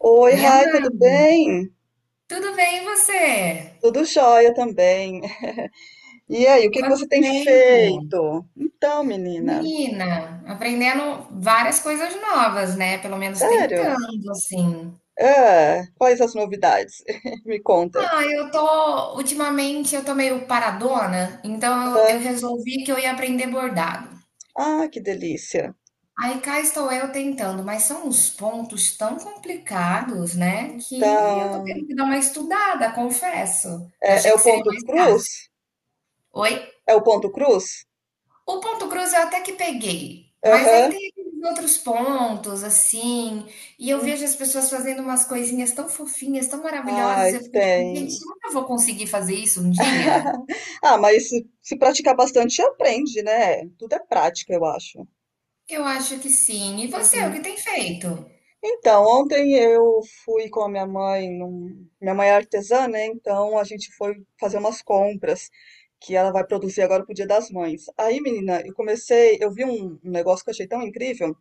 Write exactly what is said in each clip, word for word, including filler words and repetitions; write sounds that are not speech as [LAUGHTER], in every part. Oi, Oi, Rai, tudo Amanda, bem? tudo bem e você? Tudo jóia também. E aí, o que que Quanto você tem tempo? feito? Então, menina, Menina, aprendendo várias coisas novas, né? Pelo menos sério? tentando, assim. Ah, quais as novidades? [LAUGHS] Me conta. Ah, eu tô, ultimamente eu tô meio paradona, então eu, Ah, eu resolvi que eu ia aprender bordado. ah, que delícia. Aí cá estou eu tentando, mas são uns pontos tão complicados, né? Que eu tô tendo Então, que dar uma estudada, confesso. Eu é, achei é que o seria ponto mais cruz? fácil. Oi? É o ponto cruz? O Ponto Cruz eu até que peguei, mas aí Aham. tem aqueles outros pontos, assim, e eu vejo Hum. as pessoas fazendo umas coisinhas tão fofinhas, tão maravilhosas, Ai, eu fico tipo, gente, tem. será que eu vou conseguir fazer isso um dia? [LAUGHS] Ah, mas se, se praticar bastante, aprende, né? Tudo é prática, eu acho. Eu acho que sim. E você, o que Uhum. tem feito? Então, ontem eu fui com a minha mãe, num- minha mãe é artesã, né? Então a gente foi fazer umas compras que ela vai produzir agora pro Dia das Mães. Aí, menina, eu comecei, eu vi um, um negócio que eu achei tão incrível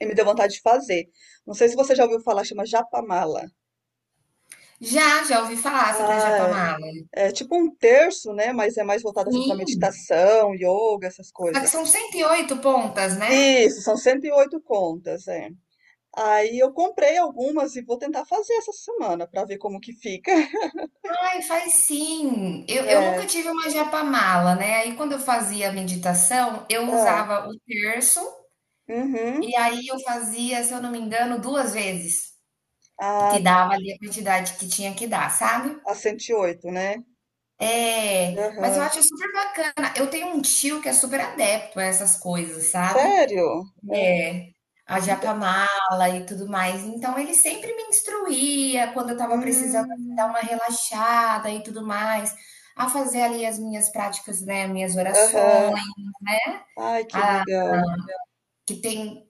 e me deu vontade de fazer. Não sei se você já ouviu falar, chama japamala. Já, já ouvi falar sobre a Ah, é, Japamala. é tipo um terço, né? Mas é mais voltado assim para Sim, meditação, yoga, essas só que coisas. são cento e oito pontas, né? Isso, são cento e oito contas, é. Aí eu comprei algumas e vou tentar fazer essa semana para ver como que fica. Ai, faz sim. Eu, eu nunca [LAUGHS] tive uma japamala, né? Aí quando eu fazia a meditação, eu Ah, usava o terço. uhum. E aí eu fazia, se eu não me engano, duas vezes, que A dava ali a quantidade que tinha que dar, sabe. a cento e oito, né? É, mas eu Aham. acho super bacana. Eu tenho um tio que é super adepto a essas coisas, sabe. Sério? Ah, É, a Ent japamala e tudo mais, então ele sempre me instruía quando eu estava precisando, assim, dar hum. uma relaxada e tudo mais, a fazer ali as minhas práticas, né, minhas orações, Aham. Ai, que a legal. que tem.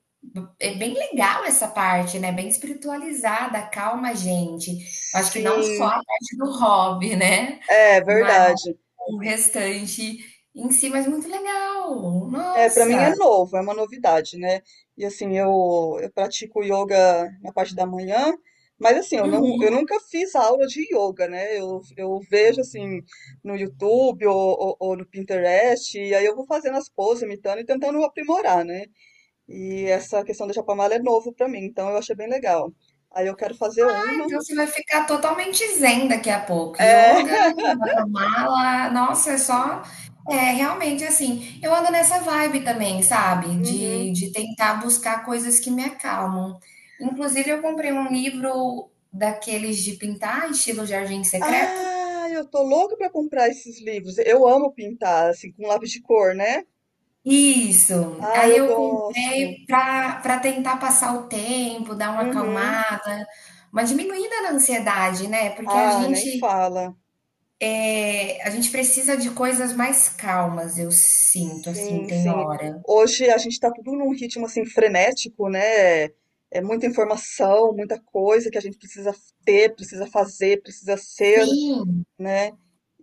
É bem legal essa parte, né? Bem espiritualizada, calma a gente. Eu acho que não só a Sim. parte do hobby, né? É, Mas verdade. o restante em si, mas muito legal. É, para mim é Nossa! novo, é uma novidade, né. E, assim, eu eu pratico yoga na parte da manhã, mas, assim, eu não eu nunca fiz aula de yoga, né. Eu eu vejo, assim, no YouTube ou ou ou no Pinterest, e aí eu vou fazendo as poses, imitando e tentando aprimorar, né. E essa questão da chapamala é novo pra mim, então eu achei bem legal. Aí eu quero fazer uma. Então, você vai ficar totalmente zen daqui a pouco. É. Yoga, [LAUGHS] mala, nossa, é só. É, realmente, assim, eu ando nessa vibe também, sabe? De, Uhum. de tentar buscar coisas que me acalmam. Inclusive, eu comprei um livro daqueles de pintar, estilo Jardim Secreto. Ah, eu tô louca pra comprar esses livros. Eu amo pintar, assim, com lápis de cor, né? Isso. Ah, Aí eu eu gosto. comprei para para tentar passar o tempo, dar uma Uhum. acalmada, uma diminuída na ansiedade, né? Porque a Ah, nem gente... fala. É, a gente precisa de coisas mais calmas, eu sinto, assim, Sim, tem sim. hora. Hoje a gente tá tudo num ritmo, assim, frenético, né? É muita informação, muita coisa que a gente precisa ter, precisa fazer, precisa ser. Sim. Né?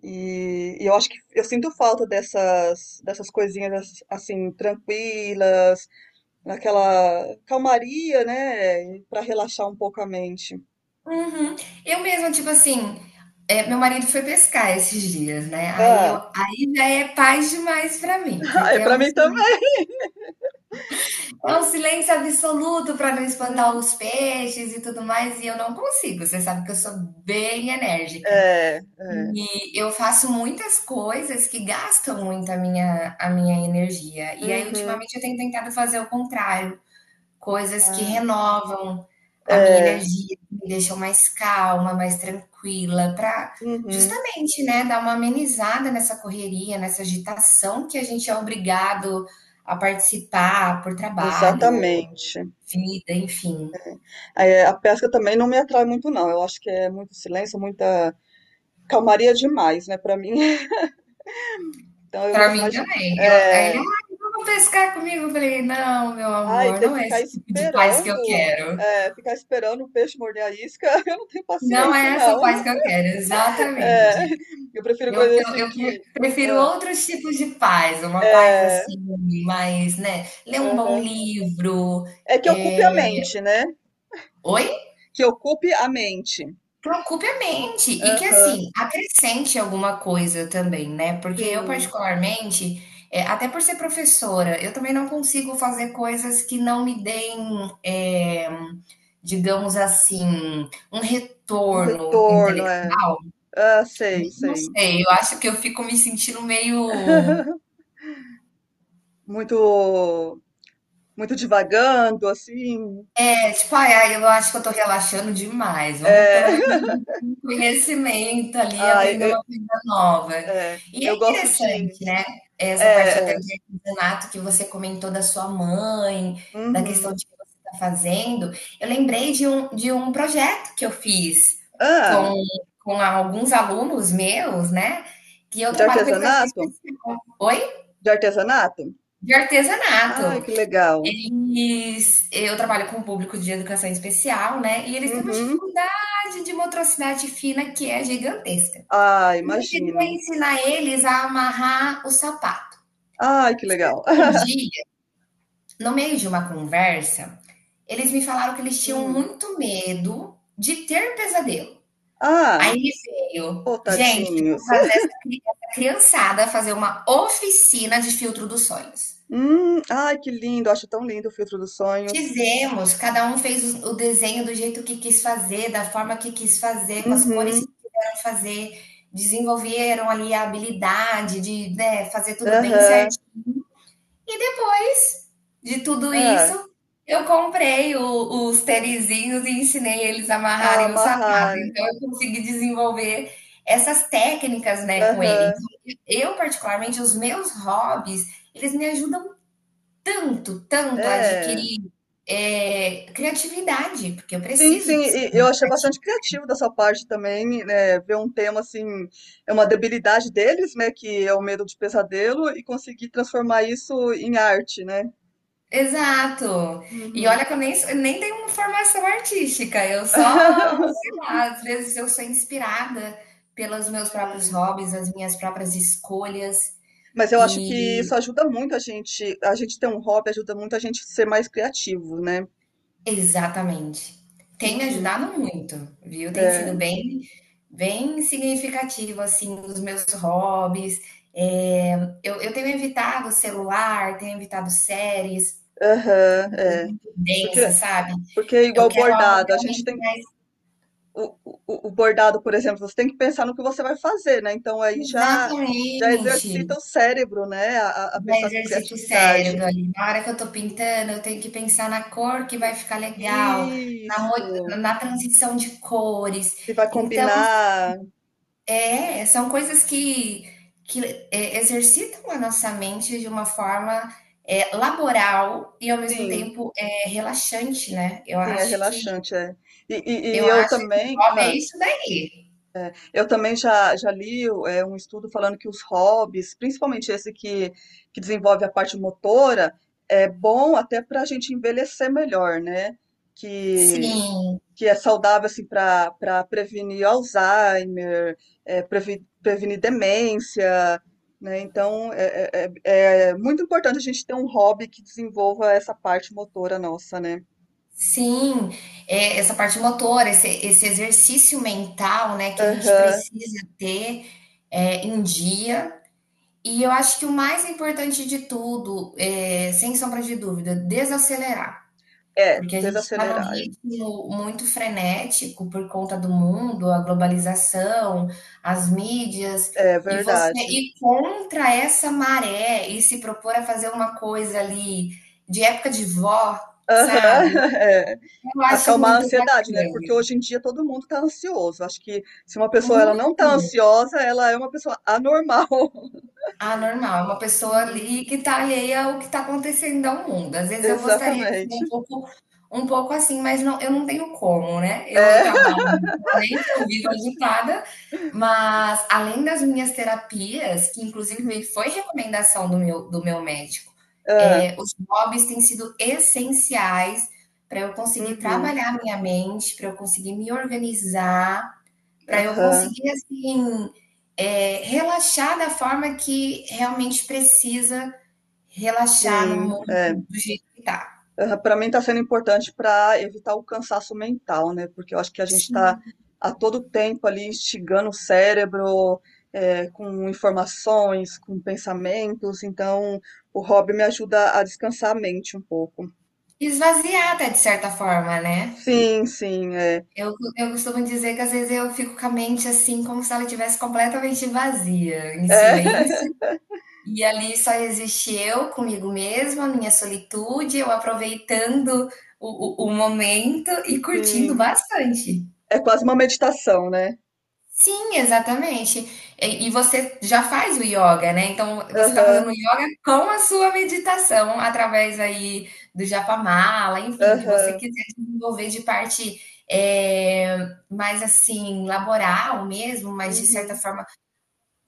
E, e eu acho que eu sinto falta dessas, dessas coisinhas as- assim, tranquilas, naquela calmaria, né? Pra relaxar um pouco a mente. Uhum. Eu mesma, tipo assim, é, meu marido foi pescar esses dias, né? Aí, eu, Ah, aí já é paz demais pra mim, [LAUGHS] é porque é pra um, mim si- também. é um silêncio absoluto pra não espantar Hum, os peixes e tudo mais, e eu não consigo. Você sabe que eu sou bem enérgica. é, é. E eu faço muitas coisas que gastam muito a minha, a minha energia. E aí, Uhum. ultimamente, eu tenho tentado fazer o contrário. Coisas que Ah, renovam a minha é. energia, que me deixam mais calma, mais tranquila, para Uhum. justamente, né, dar uma amenizada nessa correria, nessa agitação que a gente é obrigado a participar por trabalho, Exatamente. vida, enfim. É, a pesca também não me atrai muito, não. Eu acho que é muito silêncio, muita calmaria demais, né, pra mim. [LAUGHS] Então eu Para gosto mim mais de. também. Eu aí ele: É, "Ai, vamos pescar comigo?" Eu falei: "Não, meu ai, amor, ter que não é ficar esse tipo de paz que eu esperando, quero. eh, ficar esperando o peixe morder a isca, [LAUGHS] eu não tenho Não paciência, é essa paz não. que eu quero", É, exatamente. eu prefiro Eu, coisas eu, assim eu pre- que. prefiro Ah, outros tipos de paz, uma paz é, assim, mais, né? Ler um bom aham. livro. É que ocupe É. a mente, né? Oi? Que ocupe a mente. Preocupe a mente. E que, Aham, assim, acrescente alguma coisa também, né? Porque eu, sim. particularmente, é, até por ser professora, eu também não consigo fazer coisas que não me deem, é, digamos assim, um Um retorno retorno, é. intelectual. Ah, sei, Não sei. sei, eu acho que eu fico me sentindo meio. [LAUGHS] Muito, muito divagando, assim. É tipo, ai, ai, eu acho que eu tô relaxando demais. Vamos pelo É. menos um conhecimento [LAUGHS] ali, Ai, aprender eu, uma coisa nova. é, E é eu gosto de. interessante, né? Essa parte até É, é. de artesanato que você comentou da sua mãe, da questão Uhum. de que você está fazendo. Eu lembrei de um, de um projeto que eu fiz Ah. com, com alguns alunos meus, né? Que eu De trabalho com educação artesanato? especial. Oi? De artesanato? De Ai, artesanato. que legal. Eles, eu trabalho com o público de educação especial, né, e eles têm uma Uhum. dificuldade de motricidade fina que é gigantesca. Ah, E eu queria imagino. ensinar eles a amarrar o sapato. Ai, que legal. Um [LAUGHS] dia, no meio de uma conversa, eles me falaram que eles tinham Hum. muito medo de ter pesadelo. Ah, Aí me veio, ô, gente, eu vou tadinhos. fazer essa cri- essa criançada fazer uma oficina de filtro dos sonhos. Hum, ai, que lindo. Acho tão lindo o filtro dos sonhos. Fizemos, cada um fez o o desenho do jeito que quis fazer, da forma que quis fazer, com as cores que Uhum. quiseram fazer, desenvolveram ali a habilidade de, né, fazer tudo bem Aham. certinho. E depois de tudo isso, É. eu comprei o- os tenizinhos e ensinei eles a Ah, amarrarem o sapato. amarrar. Então eu consegui desenvolver essas técnicas, né, com ele. Aham. Então, eu particularmente os meus hobbies, eles me ajudam tanto, tanto É. adquirir, eh, criatividade, porque eu Sim, sim, preciso ser e eu muito achei bastante criativa. criativo da sua parte também, né? Ver um tema assim, é uma debilidade deles, né? Que é o medo de pesadelo, e conseguir transformar isso em arte, né? Exato. E Uhum. olha que eu nem, sou- nem tenho uma formação artística, eu só, sei [LAUGHS] lá, às vezes eu sou inspirada pelos meus próprios Sim. hobbies, as minhas próprias escolhas Mas eu acho que isso e... ajuda muito a gente, a gente ter um hobby ajuda muito a gente ser mais criativo, né? Exatamente. Tem me Uhum. ajudado muito, viu? Tem É. sido bem bem significativo, assim, os meus hobbies. Eh, eu eu tenho evitado o celular, tenho evitado séries Aham, é. densas, Porque, sabe. porque é Eu igual quero algo bordado, a gente realmente tem mais... o, o, o bordado, por exemplo, você tem que pensar no que você vai fazer, né? Então aí já já exatamente. exercita o cérebro, né? A, a a Já pensar com exercita o criatividade. cérebro ali. Na hora que eu tô pintando, eu tenho que pensar na cor que vai Né? ficar legal, na mo Isso. na transição de cores. Se vai Então... combinar, É, são coisas que, que é, exercitam a nossa mente de uma forma é, laboral e ao mesmo sim. tempo é, relaxante, né? Eu Sim, é acho que relaxante, é. E, e- eu e eu acho que o também, hobby ah, é isso daí. eu também já, já li é, um estudo falando que os hobbies, principalmente esse que, que desenvolve a parte motora, é bom até para a gente envelhecer melhor, né? Que, Sim, que é saudável assim para para prevenir Alzheimer, é, previ- prevenir demência, né? Então é, é, é- é muito importante a gente ter um hobby que desenvolva essa parte motora nossa, né? sim. É, essa parte motora, esse, esse exercício mental, né, que a gente Aham. precisa ter é, em dia. E eu acho que o mais importante de tudo, é, sem sombra de dúvida, desacelerar. É, Porque a gente está num desacelerar. ritmo muito frenético por conta do mundo, a globalização, as mídias, É e você verdade. ir contra essa maré e se propor a fazer uma coisa ali de época de vó, Aham, sabe? [LAUGHS] é. Eu acho Acalmar a muito ansiedade, né, porque bacana. hoje em dia todo mundo tá ansioso, acho que se uma pessoa ela Muito não tá ansiosa, ela é uma pessoa anormal. [LAUGHS] anormal, é uma pessoa Uhum, ali que está alheia ao que está acontecendo ao mundo. Às vezes eu gostaria de ser um exatamente. pouco um pouco assim, mas não, eu não tenho como, né? Eu É. [LAUGHS] trabalho... Atualmente eu vivo agitada, mas além das minhas terapias, que inclusive Uhum. foi recomendação do meu, do meu médico, Hã. eh, os hobbies têm sido essenciais para eu conseguir Uhum. trabalhar a minha mente, para eu conseguir me organizar, para eu Aham. conseguir assim, eh, relaxar da forma que realmente precisa relaxar no Sim, é. mundo do jeito que tá. Para mim está sendo importante para evitar o cansaço mental, né? Porque eu acho que a gente está Sim. a todo tempo ali instigando o cérebro eh, com informações, com pensamentos. Então, o hobby me ajuda a descansar a mente um pouco. Esvaziar até de certa forma, né? Sim, sim, é. Eu, eu costumo dizer que às vezes eu fico com a mente assim, como se ela estivesse completamente vazia, em É, silêncio, [LAUGHS] e ali só existe eu comigo mesma, minha solitude, eu aproveitando o, o, o momento e curtindo sim. bastante. É quase uma meditação, né? Sim, exatamente. E, e você já faz o yoga, né? Então você está fazendo o Aham, yoga com a sua meditação, através aí do japamala, enfim, o que você aham, quiser desenvolver de parte eh, mais assim, laboral mesmo, mas de certa uhum. forma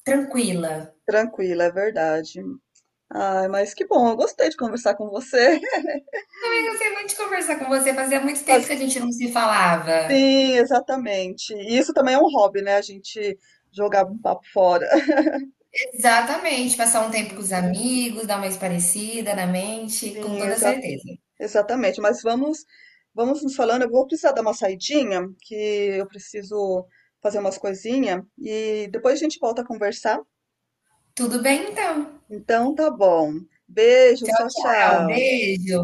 tranquila. Tranquila, é verdade. Ai, mas que bom, eu gostei de conversar com você. Eu gostei muito de conversar com você, fazia muito tempo que a [LAUGHS] gente não se falava. Sim, exatamente. E isso também é um hobby, né? A gente jogar um papo fora. [LAUGHS] Exatamente, passar um tempo com Uhum. os amigos, dar uma esparecida na mente, com Sim, toda exa- certeza. exatamente. Mas vamos, vamos nos falando. Eu vou precisar dar uma saidinha, que eu preciso fazer umas coisinhas e depois a gente volta a conversar. Tudo bem então. Então tá bom. Beijos, Tchau, tchau, tchau, tchau. beijo.